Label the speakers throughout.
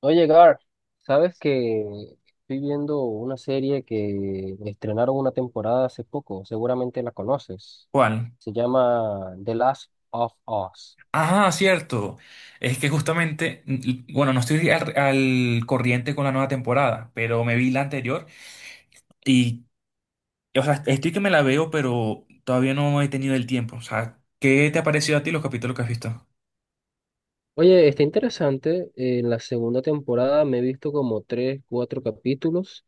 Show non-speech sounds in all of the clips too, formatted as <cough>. Speaker 1: Oye, Gar, ¿sabes que estoy viendo una serie que estrenaron una temporada hace poco? Seguramente la conoces.
Speaker 2: ¿Cuál?
Speaker 1: Se llama The Last of Us.
Speaker 2: Ah, cierto. Es que justamente, bueno, no estoy al corriente con la nueva temporada, pero me vi la anterior y, o sea, estoy que me la veo, pero todavía no he tenido el tiempo. O sea, ¿qué te ha parecido a ti los capítulos que has visto?
Speaker 1: Oye, está interesante. En la segunda temporada me he visto como tres, cuatro capítulos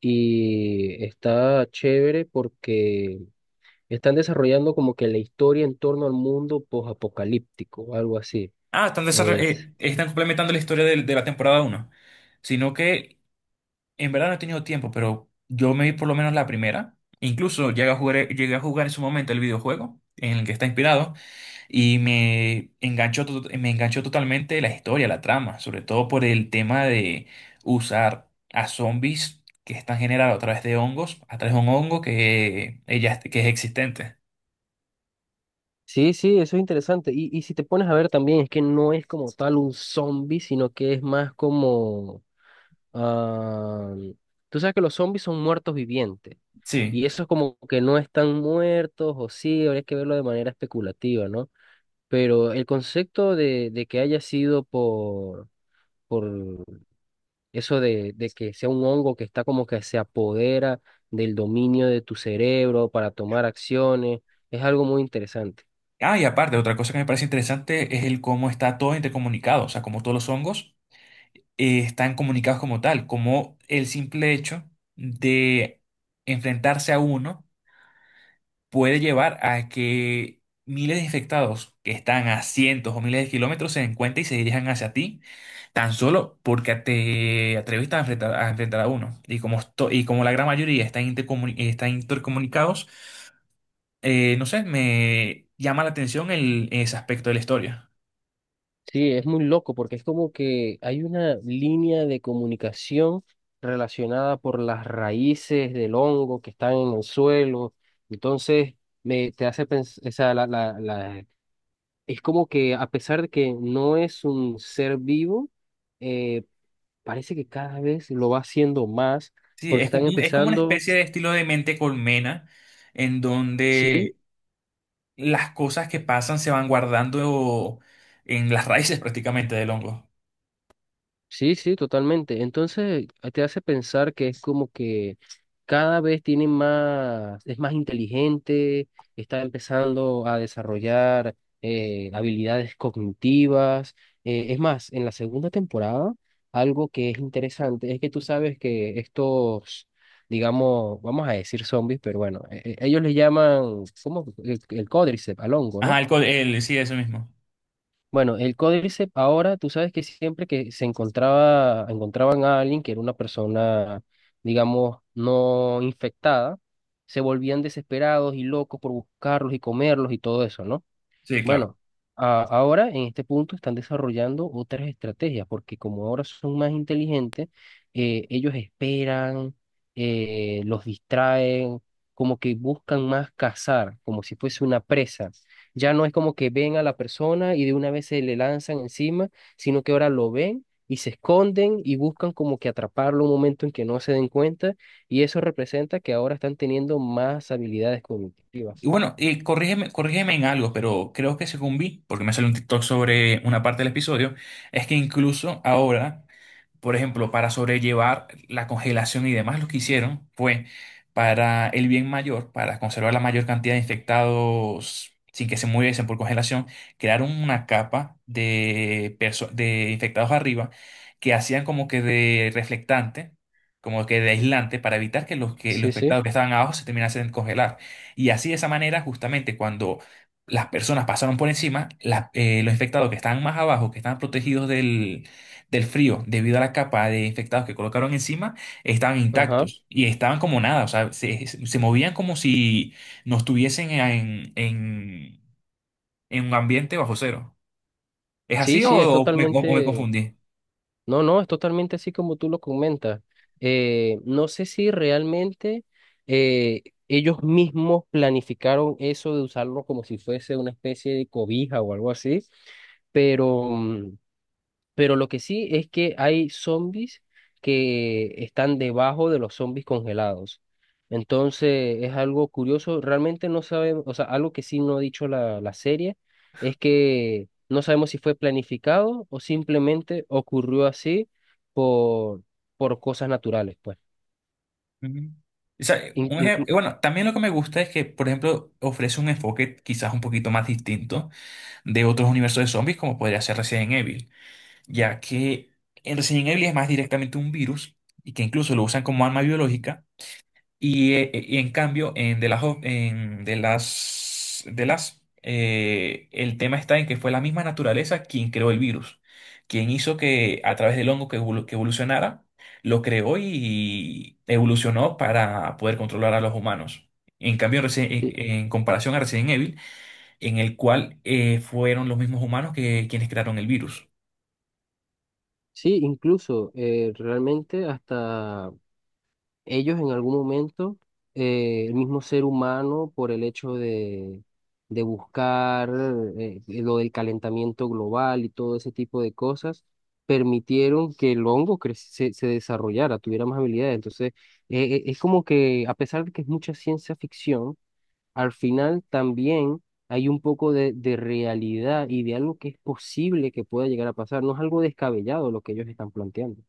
Speaker 1: y está chévere porque están desarrollando como que la historia en torno al mundo posapocalíptico, algo así.
Speaker 2: Ah, están complementando la historia de la temporada uno, sino que en verdad no he tenido tiempo, pero yo me vi por lo menos la primera. Incluso llegué a jugar en su momento el videojuego en el que está inspirado. Y me enganchó totalmente la historia, la trama, sobre todo por el tema de usar a zombies que están generados a través de hongos, a través de un hongo que que es existente.
Speaker 1: Sí, sí, eso es interesante. Y si te pones a ver también, es que no es como tal un zombie, sino que es más como ah, tú sabes que los zombies son muertos vivientes.
Speaker 2: Sí.
Speaker 1: Y eso es como que no están muertos, o sí, habría que verlo de manera especulativa, ¿no? Pero el concepto de que haya sido por eso de que sea un hongo que está como que se apodera del dominio de tu cerebro para tomar acciones, es algo muy interesante.
Speaker 2: Ah, y aparte, otra cosa que me parece interesante es el cómo está todo intercomunicado, o sea, cómo todos los hongos están comunicados como tal, como el simple hecho de enfrentarse a uno puede llevar a que miles de infectados que están a cientos o miles de kilómetros se den cuenta y se dirijan hacia ti, tan solo porque te atreviste a enfrentar a uno. Y y como la gran mayoría están, están intercomunicados, no sé, me llama la atención ese aspecto de la historia.
Speaker 1: Sí, es muy loco porque es como que hay una línea de comunicación relacionada por las raíces del hongo que están en el suelo. Entonces, me, te hace pensar, o sea, es como que a pesar de que no es un ser vivo, eh, parece que cada vez lo va haciendo más
Speaker 2: Sí,
Speaker 1: porque
Speaker 2: es
Speaker 1: están
Speaker 2: es como una
Speaker 1: empezando,
Speaker 2: especie de estilo de mente colmena, en
Speaker 1: sí.
Speaker 2: donde las cosas que pasan se van guardando en las raíces prácticamente del hongo.
Speaker 1: Sí, sí, totalmente. Entonces te hace pensar que es como que cada vez tiene más, es más inteligente, está empezando a desarrollar habilidades cognitivas. Es más, en la segunda temporada, algo que es interesante es que tú sabes que estos, digamos, vamos a decir zombies, pero bueno, ellos le llaman, ¿cómo? El Códriceps, al hongo,
Speaker 2: Ajá,
Speaker 1: ¿no?
Speaker 2: sí, eso mismo.
Speaker 1: Bueno, el Códice ahora, tú sabes que siempre que se encontraba, encontraban a alguien que era una persona, digamos, no infectada, se volvían desesperados y locos por buscarlos y comerlos y todo eso, ¿no?
Speaker 2: Sí, claro.
Speaker 1: Bueno, ahora en este punto están desarrollando otras estrategias, porque como ahora son más inteligentes, ellos esperan, los distraen, como que buscan más cazar, como si fuese una presa. Ya no es como que ven a la persona y de una vez se le lanzan encima, sino que ahora lo ven y se esconden y buscan como que atraparlo un momento en que no se den cuenta, y eso representa que ahora están teniendo más habilidades
Speaker 2: Y
Speaker 1: cognitivas.
Speaker 2: bueno, corrígeme en algo, pero creo que según vi, porque me salió un TikTok sobre una parte del episodio, es que incluso ahora. Por ejemplo, para sobrellevar la congelación y demás, lo que hicieron fue para el bien mayor, para conservar la mayor cantidad de infectados sin que se muriesen por congelación, crearon una capa de infectados arriba que hacían como que de reflectante, como que de aislante, para evitar que que los
Speaker 1: Sí, sí.
Speaker 2: infectados que estaban abajo se terminasen de congelar. Y así de esa manera, justamente cuando las personas pasaron por encima, los infectados que estaban más abajo, que estaban protegidos del frío, debido a la capa de infectados que colocaron encima, estaban
Speaker 1: Ajá.
Speaker 2: intactos y estaban como nada, o sea, se movían como si no estuviesen en un ambiente bajo cero. ¿Es
Speaker 1: Sí,
Speaker 2: así no,
Speaker 1: sí, es
Speaker 2: o me
Speaker 1: totalmente,
Speaker 2: confundí?
Speaker 1: no, no, es totalmente así como tú lo comentas. No sé si realmente eh, ellos mismos planificaron eso de usarlo como si fuese una especie de cobija o algo así, pero pero lo que sí es que hay zombies que están debajo de los zombies congelados. Entonces es algo curioso, realmente no sabemos, o sea, algo que sí no ha dicho la serie es que no sabemos si fue planificado o simplemente ocurrió así por, por cosas naturales, pues.
Speaker 2: Ujú. O sea,
Speaker 1: In- inclu-
Speaker 2: bueno, también lo que me gusta es que, por ejemplo, ofrece un enfoque quizás un poquito más distinto de otros universos de zombies, como podría ser Resident Evil, ya que en Resident Evil es más directamente un virus y que incluso lo usan como arma biológica. Y en cambio, en The Last, el tema está en que fue la misma naturaleza quien creó el virus, quien hizo que a través del hongo que evolucionara, lo creó y evolucionó para poder controlar a los humanos. En cambio,
Speaker 1: eh,
Speaker 2: en comparación a Resident Evil, en el cual fueron los mismos humanos que quienes crearon el virus.
Speaker 1: sí, incluso realmente hasta ellos en algún momento, el mismo ser humano, por el hecho de buscar lo del calentamiento global y todo ese tipo de cosas, permitieron que el se, se desarrollara, tuviera más habilidades. Entonces, es como que, a pesar de que es mucha ciencia ficción, al final también hay un poco de realidad y de algo que es posible que pueda llegar a pasar. No es algo descabellado lo que ellos están planteando.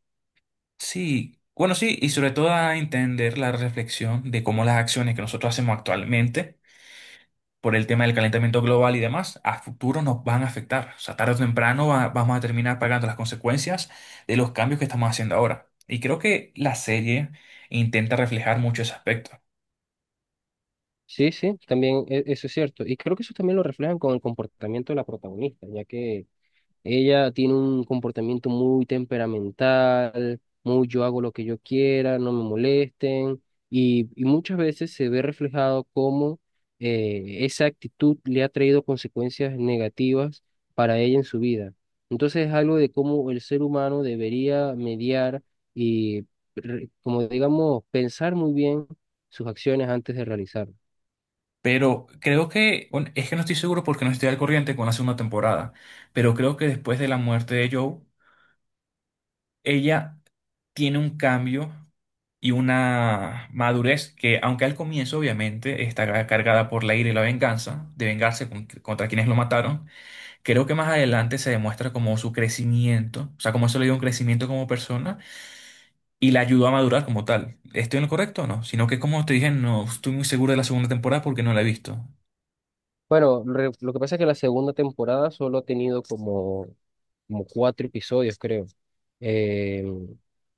Speaker 2: Sí, bueno, sí, y sobre todo a entender la reflexión de cómo las acciones que nosotros hacemos actualmente por el tema del calentamiento global y demás, a futuro nos van a afectar. O sea, tarde o temprano vamos a terminar pagando las consecuencias de los cambios que estamos haciendo ahora. Y creo que la serie intenta reflejar mucho ese aspecto.
Speaker 1: Sí, sí, también eso es cierto. Y creo que eso también lo reflejan con el comportamiento de la protagonista, ya que ella tiene un comportamiento muy temperamental, muy yo hago lo que yo quiera, no me molesten, y muchas veces se ve reflejado cómo esa actitud le ha traído consecuencias negativas para ella en su vida. Entonces es algo de cómo el ser humano debería mediar y, como digamos, pensar muy bien sus acciones antes de realizarlas.
Speaker 2: Pero creo que, bueno, es que no estoy seguro porque no estoy al corriente con la segunda temporada, pero creo que después de la muerte de Joe, ella tiene un cambio y una madurez que, aunque al comienzo obviamente está cargada por la ira y la venganza, de vengarse contra quienes lo mataron. Creo que más adelante se demuestra como su crecimiento, o sea, como eso le dio un crecimiento como persona y la ayudó a madurar como tal. ¿Estoy en lo correcto o no? Sino que como te dije, no estoy muy seguro de la segunda temporada porque no la he visto.
Speaker 1: Bueno, lo que pasa es que la segunda temporada solo ha tenido como, como cuatro episodios, creo. Eh,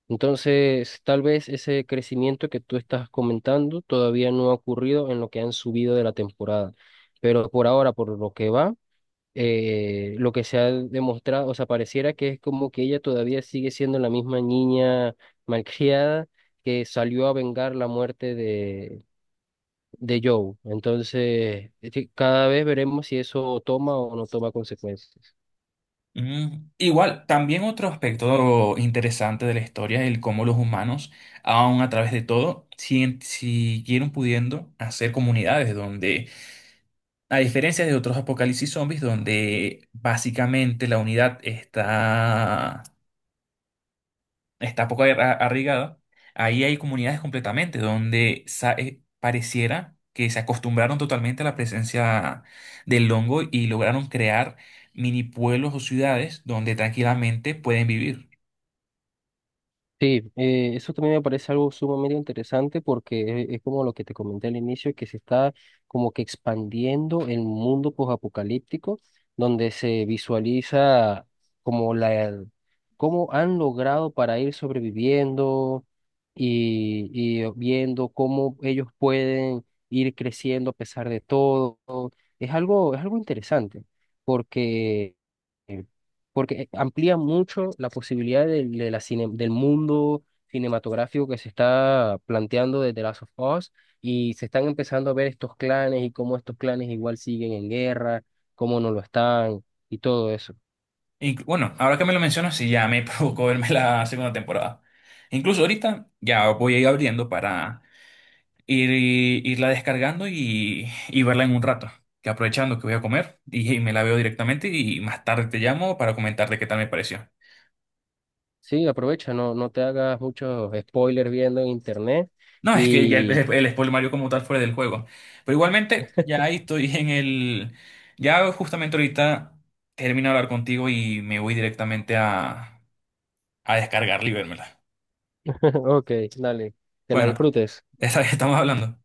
Speaker 1: entonces, tal vez ese crecimiento que tú estás comentando todavía no ha ocurrido en lo que han subido de la temporada. Pero por ahora, por lo que va, lo que se ha demostrado, o sea, pareciera que es como que ella todavía sigue siendo la misma niña malcriada que salió a vengar la muerte de Joe. Entonces, es que cada vez veremos si eso toma o no toma consecuencias.
Speaker 2: Igual, también otro aspecto interesante de la historia es el cómo los humanos, aun a través de todo, siguieron pudiendo hacer comunidades donde, a diferencia de otros apocalipsis zombies, donde básicamente la unidad está poco arraigada, ahí hay comunidades completamente donde pareciera que se acostumbraron totalmente a la presencia del hongo y lograron crear mini pueblos o ciudades donde tranquilamente pueden vivir.
Speaker 1: Sí, eso también me parece algo sumamente interesante porque es como lo que te comenté al inicio, que se está como que expandiendo el mundo posapocalíptico, donde se visualiza como la, cómo han logrado para ir sobreviviendo y viendo cómo ellos pueden ir creciendo a pesar de todo. Es algo interesante porque, eh, porque amplía mucho la posibilidad del, de la del mundo cinematográfico que se está planteando desde The Last of Us y se están empezando a ver estos clanes y cómo estos clanes igual siguen en guerra, cómo no lo están y todo eso.
Speaker 2: Bueno, ahora que me lo mencionas, sí, ya me <laughs> provocó verme la segunda temporada. Incluso ahorita ya voy a ir abriendo para irla descargando y verla en un rato. Que aprovechando que voy a comer y me la veo directamente y más tarde te llamo para comentarte qué tal me pareció.
Speaker 1: Sí, aprovecha, no, no te hagas muchos spoilers viendo en internet
Speaker 2: No, es que ya
Speaker 1: y
Speaker 2: el spoiler Mario como tal fuera del juego. Pero igualmente, ya ahí estoy en el... Ya justamente ahorita termino de hablar contigo y me voy directamente a descargar y vérmela.
Speaker 1: <laughs> ok, dale, que la
Speaker 2: Bueno,
Speaker 1: disfrutes.
Speaker 2: <laughs> esa vez estamos hablando.